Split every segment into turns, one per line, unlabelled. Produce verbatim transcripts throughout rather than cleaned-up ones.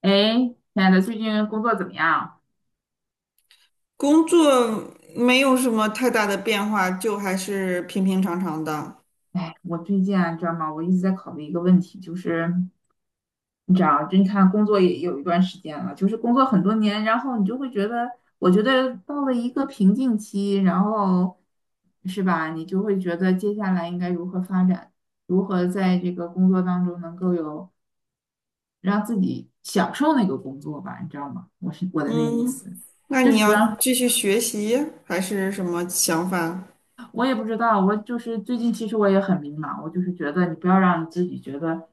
哎，亲爱的，最近工作怎么样？
工作没有什么太大的变化，就还是平平常常的。
哎，我最近啊，你知道吗？我一直在考虑一个问题，就是你知道，就你看工作也有一段时间了，就是工作很多年，然后你就会觉得，我觉得到了一个瓶颈期，然后是吧？你就会觉得接下来应该如何发展，如何在这个工作当中能够有让自己享受那个工作吧，你知道吗？我是我的那意
嗯，
思，
那
就
你
是不
要
让。
继续学习还是什么想法？
我也不知道，我就是最近其实我也很迷茫，我就是觉得你不要让自己觉得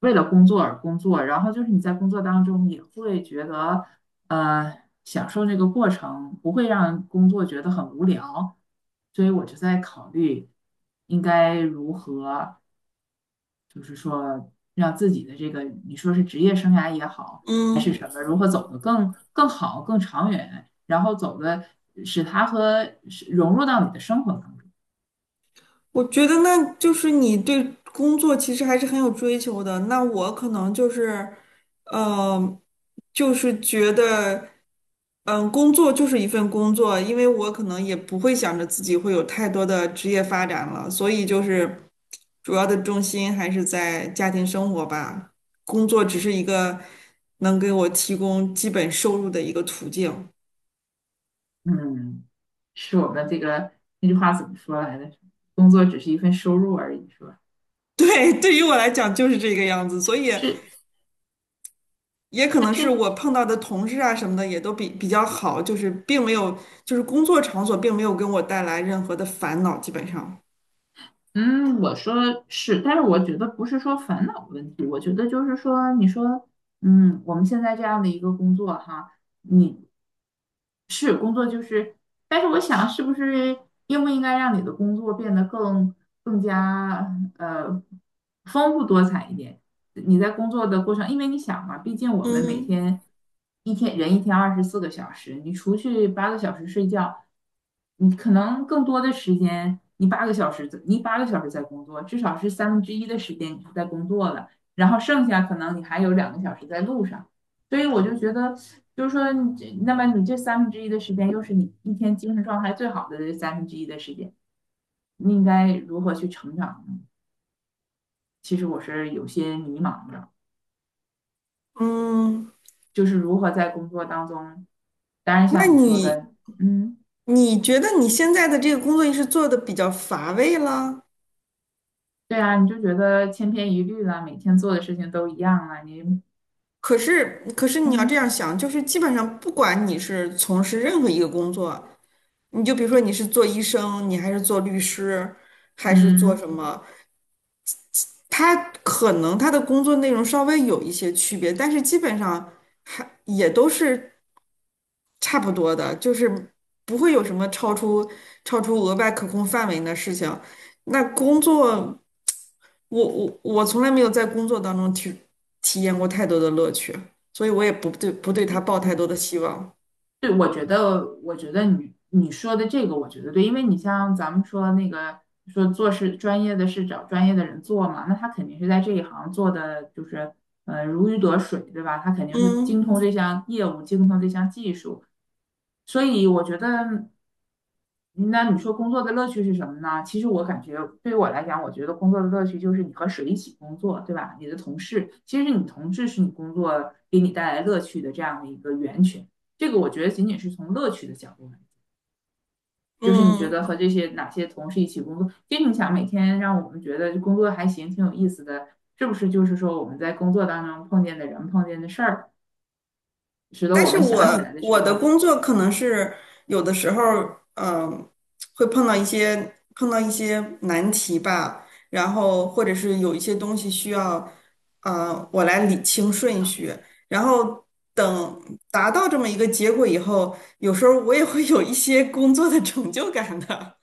为了工作而工作，然后就是你在工作当中也会觉得呃享受这个过程，不会让工作觉得很无聊。所以我就在考虑应该如何，就是说让自己的这个你说是职业生涯也好，还是
嗯。
什么，如何走得更更好、更长远，然后走的使它和使融入到你的生活当中。
我觉得那就是你对工作其实还是很有追求的。那我可能就是，呃，就是觉得，嗯，工作就是一份工作，因为我可能也不会想着自己会有太多的职业发展了，所以就是主要的重心还是在家庭生活吧。工作只是一个能给我提供基本收入的一个途径。
嗯，是我们这个那句话怎么说来着？工作只是一份收入而已，是吧？
对，对于我来讲就是这个样子，所以。
是，
也可
但
能是
是，
我碰到的同事啊什么的也都比比较好，就是并没有，就是工作场所并没有给我带来任何的烦恼，基本上。
嗯，我说是，但是我觉得不是说烦恼问题，我觉得就是说，你说，嗯，我们现在这样的一个工作哈，你是工作就是，但是我想是不是应不应该让你的工作变得更更加呃丰富多彩一点？你在工作的过程，因为你想嘛，毕竟我们每
嗯
天一天人一天二十四个小时，你除去八个小时睡觉，你可能更多的时间，你八个小时在你八个小时在工作，至少是三分之一的时间你是在工作的，然后剩下可能你还有两个小时在路上，所以我就觉得，就是说你这，那么你这三分之一的时间，又是你一天精神状态最好的这三分之一的时间，你应该如何去成长呢？其实我是有些迷茫的。
嗯，
就是如何在工作当中，当然
那
像你说
你
的，嗯，
你觉得你现在的这个工作是做的比较乏味了？
对啊，你就觉得千篇一律了，每天做的事情都一样了，你
可是可是你要这
嗯
样想，就是基本上不管你是从事任何一个工作，你就比如说你是做医生，你还是做律师，还是做
嗯，
什么？他可能他的工作内容稍微有一些区别，但是基本上还也都是差不多的，就是不会有什么超出超出额外可控范围的事情。那工作，我我我从来没有在工作当中体体验过太多的乐趣，所以我也不对不对他抱太多的希望。
对，我觉得，我觉得你你说的这个，我觉得对，因为你像咱们说那个说做事专业的事找专业的人做嘛，那他肯定是在这一行做的就是呃如鱼得水，对吧？他肯定是精
嗯
通这项业务，精通这项技术，所以我觉得，嗯那你说工作的乐趣是什么呢？其实我感觉对于我来讲，我觉得工作的乐趣就是你和谁一起工作，对吧？你的同事，其实你同事是你工作给你带来乐趣的这样的一个源泉。这个我觉得仅仅是从乐趣的角度来，就是你觉
嗯，
得和这些哪些同事一起工作，其实你想每天让我们觉得工作还行，挺有意思的，是不是？就是说我们在工作当中碰见的人、碰见的事儿，使得
但
我
是
们
我
想起来的时
我的
候
工作可能是有的时候，嗯、会碰到一些碰到一些难题吧，然后或者是有一些东西需要，呃，我来理清顺序，然后等达到这么一个结果以后，有时候我也会有一些工作的成就感的，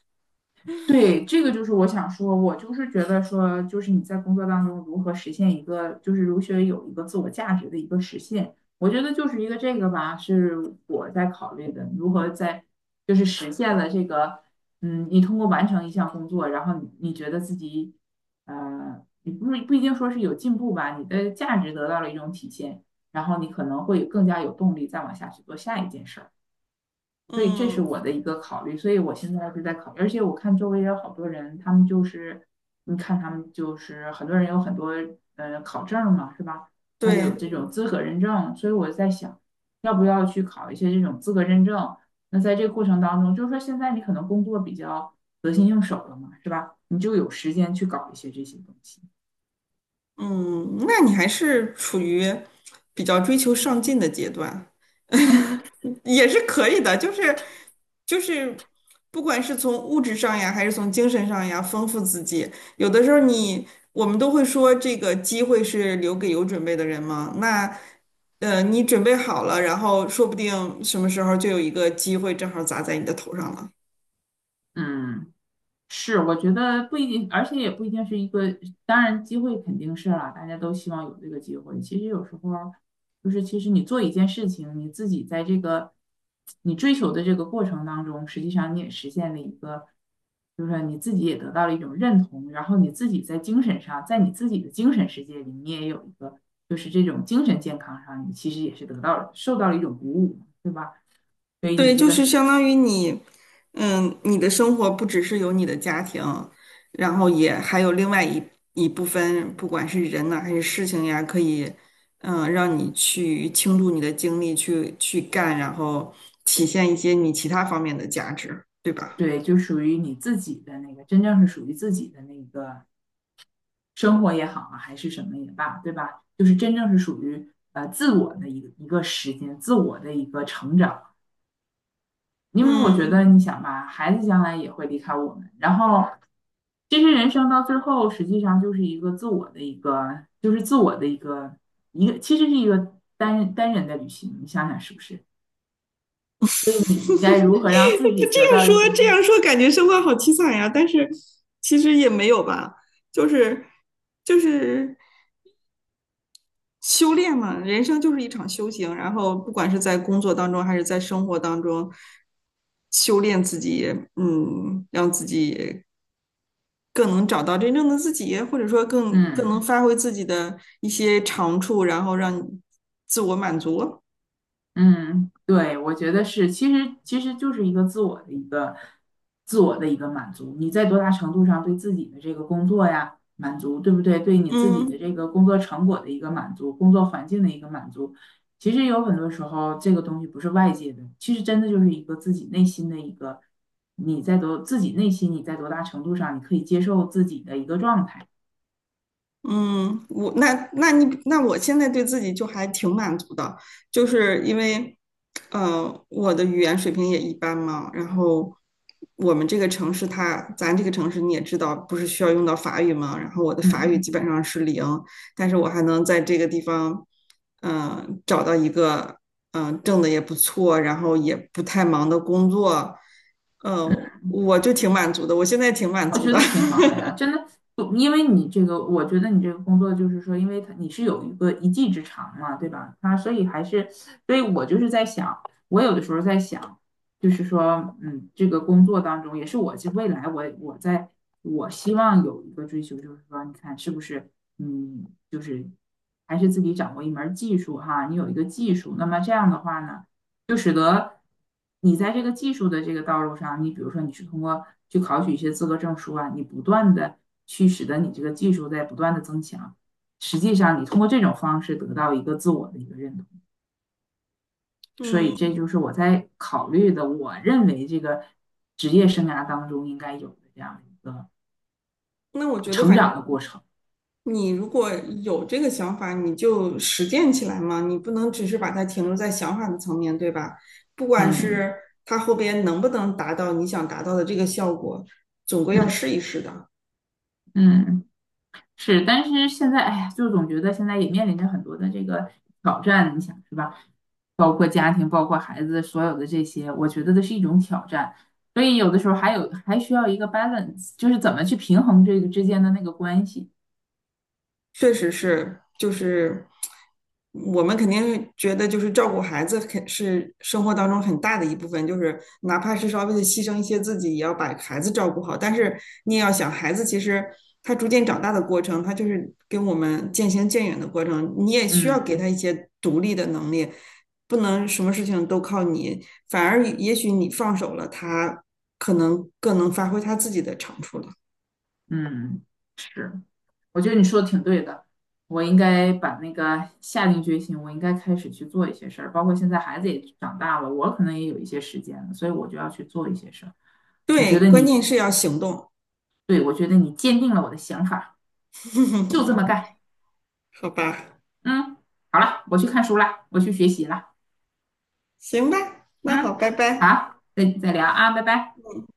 对，这个就是我想说，我就是觉得说，就是你在工作当中如何实现一个，就是如何有一个自我价值的一个实现，我觉得就是一个这个吧，是我在考虑的，如何在就是实现了这个，嗯，你通过完成一项工作，然后你你觉得自己，呃，你不是不一定说是有进步吧，你的价值得到了一种体现，然后你可能会更加有动力再往下去做下一件事儿。所以这是
嗯，
我的一个考虑，所以我现在是在考虑，而且我看周围也有好多人，他们就是，你看他们就是很多人有很多呃考证嘛，是吧？他就有
对。
这种资格认证，所以我在想，要不要去考一些这种资格认证？那在这个过程当中，就是说现在你可能工作比较得心应手了嘛，是吧？你就有时间去搞一些这些东西，
嗯，那你还是处于比较追求上进的阶段，也是可以的。就是就是，不管是从物质上呀，还是从精神上呀，丰富自己。有的时候你我们都会说，这个机会是留给有准备的人嘛。那呃，你准备好了，然后说不定什么时候就有一个机会正好砸在你的头上了。
嗯。是，我觉得不一定，而且也不一定是一个，当然机会肯定是啦，大家都希望有这个机会。其实有时候儿就是，其实你做一件事情，你自己在这个你追求的这个过程当中，实际上你也实现了一个，就是说你自己也得到了一种认同，然后你自己在精神上，在你自己的精神世界里，你也有一个，就是这种精神健康上，你其实也是得到了，受到了一种鼓舞，对吧？所以你
对，
这
就
个
是
是
相当于你，嗯，你的生活不只是有你的家庭，然后也还有另外一一部分，不管是人呐、还是事情呀，可以，嗯，让你去倾注你的精力去去干，然后体现一些你其他方面的价值，对吧？
对，就属于你自己的那个，真正是属于自己的那个生活也好啊，还是什么也罢，对吧？就是真正是属于呃自我的一个一个时间，自我的一个成长。因为我觉
嗯，
得，你想吧，孩子将来也会离开我们，然后其实人生到最后，实际上就是一个自我的一个，就是自我的一个一个，其实是一个单单人的旅行。你想想是不是？所以你应该如 何让自
这
己得
样
到一
说这
种
样说，感觉生活好凄惨呀，但是其实也没有吧，就是就是。修炼嘛，人生就是一场修行，然后不管是在工作当中还是在生活当中，修炼自己，嗯，让自己更能找到真正的自己，或者说更更能
嗯。
发挥自己的一些长处，然后让自我满足。
嗯，对，我觉得是，其实其实就是一个自我的一个自我的一个满足。你在多大程度上对自己的这个工作呀满足，对不对？对你自己
嗯，
的这个工作成果的一个满足，工作环境的一个满足，其实有很多时候这个东西不是外界的，其实真的就是一个自己内心的一个，你在多自己内心你在多大程度上你可以接受自己的一个状态。
嗯，我那那你那我现在对自己就还挺满足的，就是因为，呃，我的语言水平也一般嘛，然后我们这个城市它，咱这个城市你也知道，不是需要用到法语嘛，然后我的法语
嗯。
基本上是零，但是我还能在这个地方，嗯，找到一个嗯、呃挣的也不错，然后也不太忙的工作，嗯，我就挺满足的，我现在挺满
我
足
觉
的，
得挺好的呀，真的，不因为你这个，我觉得你这个工作就是说，因为他你是有一个一技之长嘛，对吧？他所以还是，所以我就是在想，我有的时候在想，就是说，嗯，这个工作当中也是我未来我我在我希望有一个追求，就是说，你看是不是，嗯，就是还是自己掌握一门儿技术哈，你有一个技术，那么这样的话呢？就使得你在这个技术的这个道路上，你比如说你是通过去考取一些资格证书啊，你不断的去使得你这个技术在不断的增强。实际上，你通过这种方式得到一个自我的一个认同，所以
嗯，
这就是我在考虑的，我认为这个职业生涯当中应该有的这样一个
那我觉得
成
反正。
长的过程。
你如果有这个想法，你就实践起来嘛，你不能只是把它停留在想法的层面，对吧？不管
嗯
是它后边能不能达到你想达到的这个效果，总归要
嗯
试一试的。
嗯。是，但是现在，哎呀，就总觉得现在也面临着很多的这个挑战，你想是吧？包括家庭，包括孩子，所有的这些，我觉得都是一种挑战。所以有的时候还有还需要一个 balance,就是怎么去平衡这个之间的那个关系。
确实是，就是我们肯定觉得，就是照顾孩子肯是生活当中很大的一部分，就是哪怕是稍微的牺牲一些自己，也要把孩子照顾好。但是你也要想，孩子其实他逐渐长大的过程，他就是跟我们渐行渐远的过程，你也需要给他
嗯
一些独立的能力，不能什么事情都靠你，反而也许你放手了，他可能更能发挥他自己的长处了。
嗯，是，我觉得你说的挺对的，我应该把那个下定决心，我应该开始去做一些事儿。包括现在孩子也长大了，我可能也有一些时间了，所以我就要去做一些事儿。我觉
对，
得
关
你
键是要行动。
对，我觉得你坚定了我的想法，就这么 干。
好吧，
嗯，好了，我去看书了，我去学习了。
行吧，那好，
嗯，
拜拜。
好，再再聊啊，拜拜。
嗯。